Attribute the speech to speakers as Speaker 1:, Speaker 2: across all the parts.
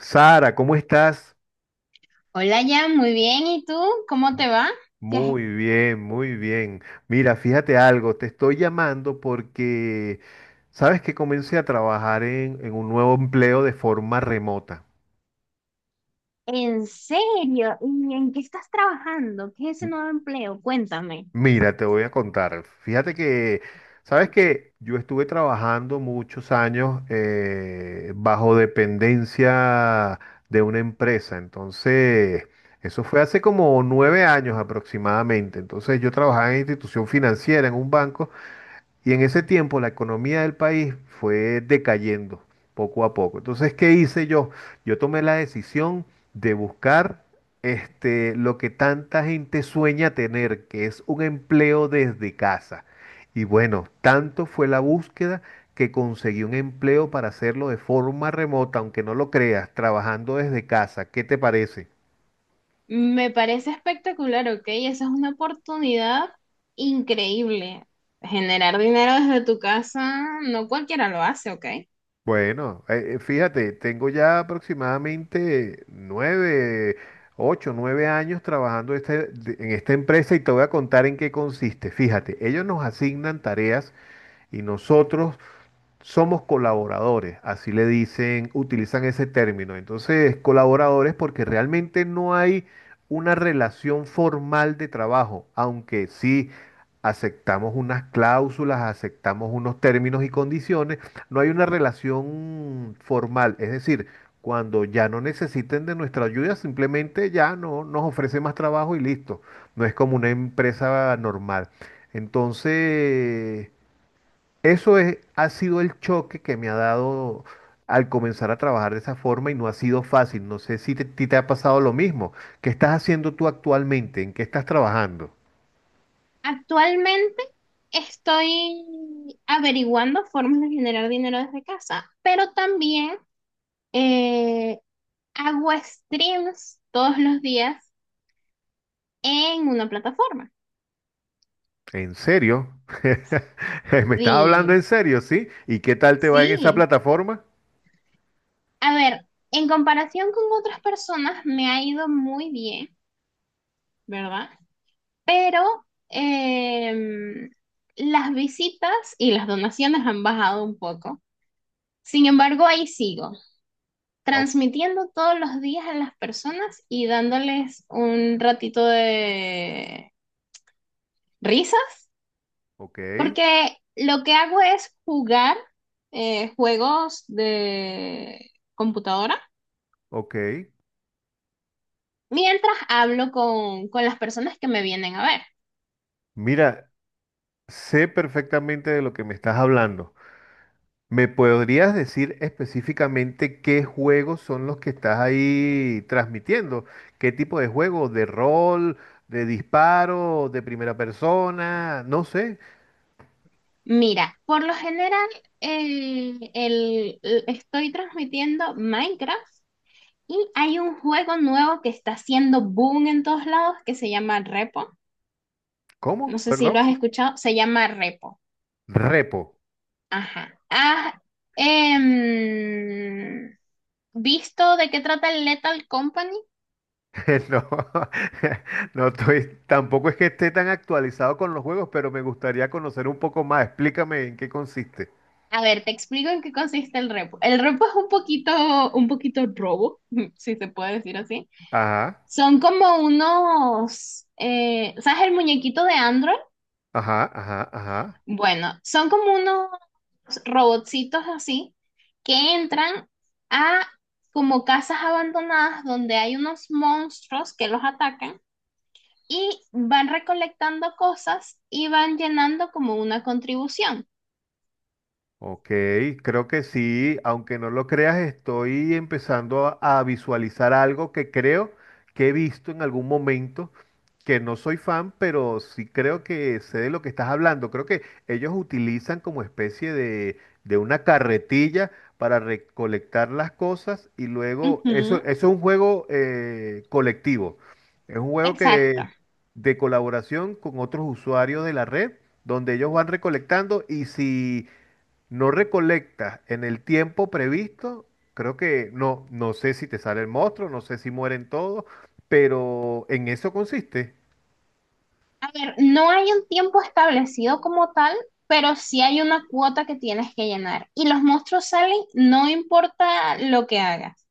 Speaker 1: Sara, ¿cómo estás?
Speaker 2: Hola, Jan, muy bien. ¿Y tú? ¿Cómo te va? ¿Qué has-
Speaker 1: Muy bien. Mira, fíjate algo, te estoy llamando porque sabes que comencé a trabajar en un nuevo empleo de forma remota.
Speaker 2: ¿En serio? ¿Y en qué estás trabajando? ¿Qué es ese
Speaker 1: M-
Speaker 2: nuevo empleo? Cuéntame.
Speaker 1: Mira, te voy a contar. Fíjate que, sabes que yo estuve trabajando muchos años bajo dependencia de una empresa. Entonces, eso fue hace como nueve años aproximadamente. Entonces, yo trabajaba en institución financiera, en un banco. Y en ese tiempo la economía del país fue decayendo poco a poco. Entonces, ¿qué hice yo? Yo tomé la decisión de buscar lo que tanta gente sueña tener, que es un empleo desde casa. Y bueno, tanto fue la búsqueda que conseguí un empleo para hacerlo de forma remota, aunque no lo creas, trabajando desde casa. ¿Qué te parece?
Speaker 2: Me parece espectacular, ¿ok? Esa es una oportunidad increíble. Generar dinero desde tu casa, no cualquiera lo hace, ¿ok?
Speaker 1: Bueno, fíjate, tengo ya aproximadamente nueve años trabajando en esta empresa y te voy a contar en qué consiste. Fíjate, ellos nos asignan tareas y nosotros somos colaboradores, así le dicen, utilizan ese término. Entonces, colaboradores porque realmente no hay una relación formal de trabajo, aunque sí aceptamos unas cláusulas, aceptamos unos términos y condiciones, no hay una relación formal. Es decir, cuando ya no necesiten de nuestra ayuda, simplemente ya no nos ofrece más trabajo y listo. No es como una empresa normal. Entonces, eso es, ha sido el choque que me ha dado al comenzar a trabajar de esa forma y no ha sido fácil. No sé si te, ti te ha pasado lo mismo. ¿Qué estás haciendo tú actualmente? ¿En qué estás trabajando?
Speaker 2: Actualmente estoy averiguando formas de generar dinero desde casa, pero también eh, hago streams todos los días en una plataforma.
Speaker 1: ¿En serio? ¿Me estás
Speaker 2: Sí,
Speaker 1: hablando en serio, sí? ¿Y qué tal te va en esa
Speaker 2: sí.
Speaker 1: plataforma?
Speaker 2: A ver, en comparación con otras personas me ha ido muy bien, ¿verdad? Pero em, las visitas y las donaciones han bajado un poco. Sin embargo, ahí sigo,
Speaker 1: O-
Speaker 2: transmitiendo todos los días a las personas y dándoles un ratito de risas,
Speaker 1: ok,
Speaker 2: porque lo que hago es jugar juegos de computadora
Speaker 1: ok.
Speaker 2: mientras hablo con las personas que me vienen a ver.
Speaker 1: Mira, sé perfectamente de lo que me estás hablando. ¿Me podrías decir específicamente qué juegos son los que estás ahí transmitiendo? ¿Qué tipo de juego? ¿De rol? ¿De disparo? ¿De primera persona? No sé.
Speaker 2: Mira, por lo general estoy transmitiendo Minecraft y hay un juego nuevo que está haciendo boom en todos lados que se llama Repo. No
Speaker 1: ¿Cómo?
Speaker 2: sé si lo
Speaker 1: Perdón.
Speaker 2: has escuchado, se llama Repo.
Speaker 1: Repo.
Speaker 2: Ajá. ¿Has em, visto de qué trata el Lethal Company?
Speaker 1: No, no estoy, tampoco es que esté tan actualizado con los juegos, pero me gustaría conocer un poco más. Explícame en qué consiste.
Speaker 2: A ver, te explico en qué consiste el repo. El repo es un poquito robo, si se puede decir así.
Speaker 1: Ajá,
Speaker 2: Son como unos, ¿sabes el muñequito de Android?
Speaker 1: ajá, ajá, ajá.
Speaker 2: Bueno, son como unos robotcitos así que entran a como casas abandonadas donde hay unos monstruos que los atacan y van recolectando cosas y van llenando como una contribución.
Speaker 1: Ok, creo que sí, aunque no lo creas, estoy empezando a visualizar algo que creo que he visto en algún momento, que no soy fan, pero sí creo que sé de lo que estás hablando. Creo que ellos utilizan como especie de una carretilla para recolectar las cosas y luego, eso,
Speaker 2: Ujú,
Speaker 1: eso es un juego colectivo, es un juego
Speaker 2: exacto.
Speaker 1: que de colaboración con otros usuarios de la red, donde ellos van recolectando y si no recolectas en el tiempo previsto, creo que no, no sé si te sale el monstruo, no sé si mueren todos, pero en eso consiste.
Speaker 2: A ver, no hay un tiempo establecido como tal, pero sí hay una cuota que tienes que llenar. Y los monstruos salen, no importa lo que hagas,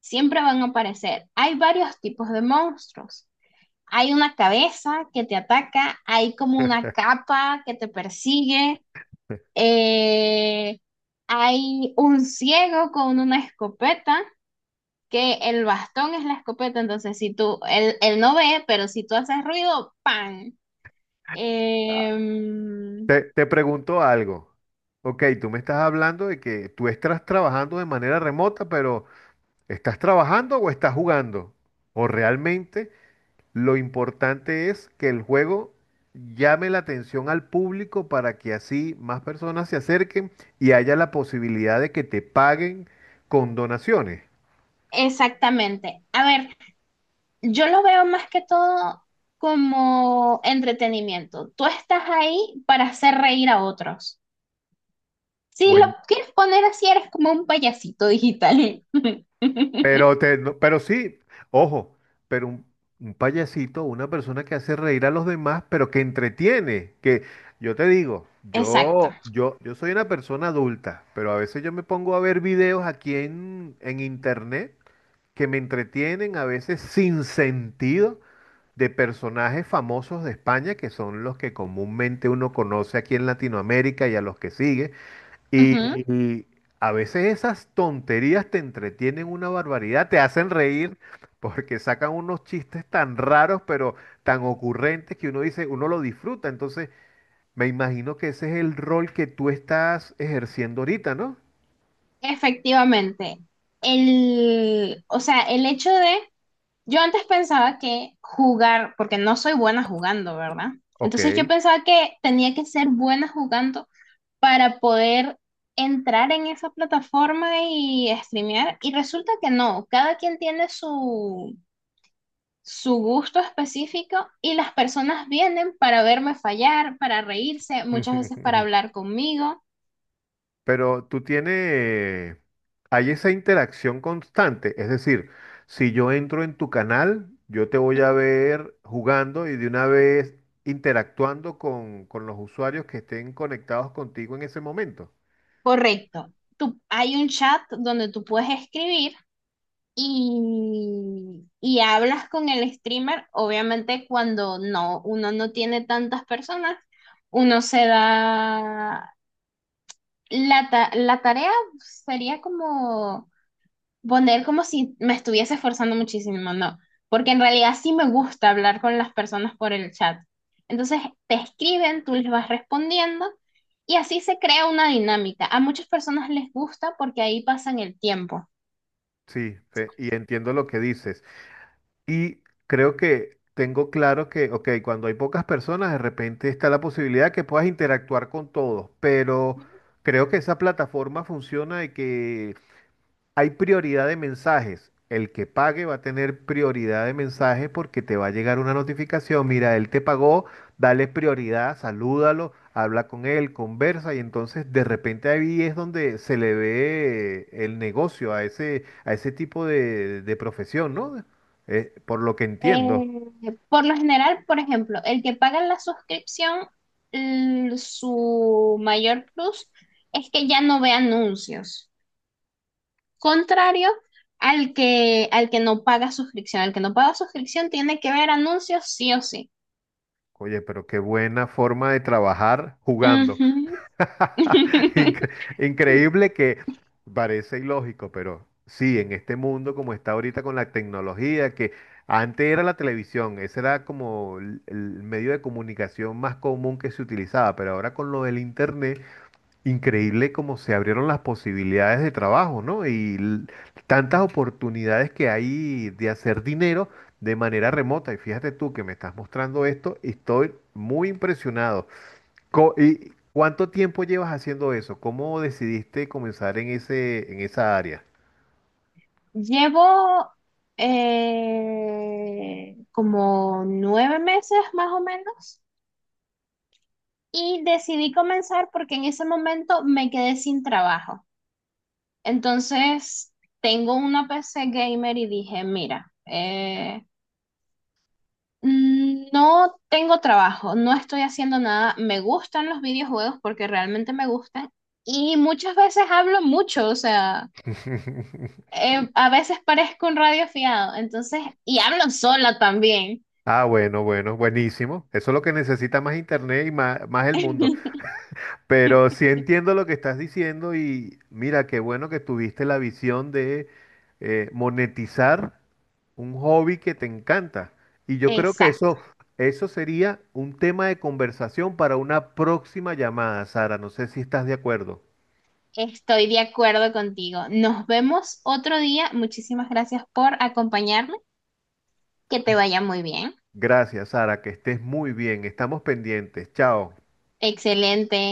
Speaker 2: siempre van a aparecer. Hay varios tipos de monstruos. Hay una cabeza que te ataca, hay como una capa que te persigue, eh, hay un ciego con una escopeta, que el bastón es la escopeta, entonces si tú, él no ve, pero si tú haces ruido, ¡pam! Em,
Speaker 1: Te pregunto algo. Ok, tú me estás hablando de que tú estás trabajando de manera remota, pero ¿estás trabajando o estás jugando? O realmente lo importante es que el juego llame la atención al público para que así más personas se acerquen y haya la posibilidad de que te paguen con donaciones.
Speaker 2: exactamente. A ver, yo lo veo más que todo como entretenimiento. Tú estás ahí para hacer reír a otros. Si lo
Speaker 1: Bueno,
Speaker 2: quieres poner así, eres como un payasito digital.
Speaker 1: pero te, no- pero sí, ojo, pero un, un payasito, una persona que hace reír a los demás, pero que entretiene, que yo te digo,
Speaker 2: Exacto.
Speaker 1: yo soy una persona adulta, pero a veces yo me pongo a ver videos aquí en internet que me entretienen a veces sin sentido de personajes famosos de España, que son los que comúnmente uno conoce aquí en Latinoamérica y a los que sigue.
Speaker 2: Ujú.
Speaker 1: Y a veces esas tonterías te entretienen una barbaridad, te hacen reír porque sacan unos chistes tan raros, pero tan ocurrentes que uno dice, uno lo disfruta. Entonces, me imagino que ese es el rol que tú estás ejerciendo ahorita, ¿no?
Speaker 2: Efectivamente. El, o sea, el hecho de, yo antes pensaba que jugar, porque no soy buena jugando, ¿verdad?
Speaker 1: Ok.
Speaker 2: Entonces yo pensaba que tenía que ser buena jugando para poder entrar en esa plataforma y streamear. Y resulta que no, cada quien tiene su gusto específico y las personas vienen para verme fallar, para reírse, muchas veces para hablar conmigo.
Speaker 1: Pero tú tienes, hay esa interacción constante, es decir, si yo entro en tu canal, yo te voy a
Speaker 2: Ujú.
Speaker 1: ver jugando y de una vez interactuando con los usuarios que estén conectados contigo en ese momento.
Speaker 2: Correcto. Tú, hay un chat donde tú puedes escribir y hablas con el streamer. Obviamente cuando no, uno no tiene tantas personas, uno se da la tarea sería como poner como si me estuviese esforzando muchísimo, ¿no? Porque en realidad sí me gusta hablar con las personas por el chat. Entonces te escriben, tú les vas respondiendo y así se crea una dinámica. A muchas personas les gusta porque ahí pasan el tiempo.
Speaker 1: Sí, y entiendo lo que dices. Y creo que tengo claro que, ok, cuando hay pocas personas, de repente está la posibilidad que puedas interactuar con todos, pero
Speaker 2: Ujú.
Speaker 1: creo que esa plataforma funciona y que hay prioridad de mensajes. El que pague va a tener prioridad de mensajes porque te va a llegar una notificación. Mira, él te pagó, dale prioridad, salúdalo, habla con él, conversa y entonces de repente ahí es donde se le ve el negocio a ese tipo de profesión, ¿no? Por lo que entiendo.
Speaker 2: Por lo general, por ejemplo, el que paga la suscripción, su mayor plus es que ya no ve anuncios. Contrario al que no paga suscripción. Al que no paga suscripción tiene que ver anuncios sí o sí.
Speaker 1: Oye, pero qué buena forma de trabajar jugando.
Speaker 2: Ujú.
Speaker 1: Incre- Increíble que parece ilógico, pero sí, en este mundo como está ahorita con la tecnología, que antes era la televisión, ese era como el medio de comunicación más común que se utilizaba, pero ahora con lo del internet, increíble como se abrieron las posibilidades de trabajo, ¿no? Tantas oportunidades que hay de hacer dinero de manera remota. Y fíjate tú que me estás mostrando esto y estoy muy impresionado. ¿Y cuánto tiempo llevas haciendo eso? ¿Cómo decidiste comenzar en ese, en esa área?
Speaker 2: Llevo como 9 meses más o menos y decidí comenzar porque en ese momento me quedé sin trabajo. Entonces tengo una PC gamer y dije, mira, no tengo trabajo, no estoy haciendo nada. Me gustan los videojuegos porque realmente me gustan y muchas veces hablo mucho, o sea, a veces parezco un radio fiado, entonces, y hablo sola también.
Speaker 1: Ah, bueno, bueno, buenísimo. Eso es lo que necesita más internet y más, más el mundo. Pero sí entiendo lo que estás diciendo y mira, qué bueno que tuviste la visión de monetizar un hobby que te encanta. Y yo creo que
Speaker 2: Exacto,
Speaker 1: eso sería un tema de conversación para una próxima llamada, Sara. No sé si estás de acuerdo.
Speaker 2: estoy de acuerdo contigo. Nos vemos otro día. Muchísimas gracias por acompañarme. Que te vaya muy bien.
Speaker 1: Gracias, Sara, que estés muy bien. Estamos pendientes. Chao.
Speaker 2: Excelente.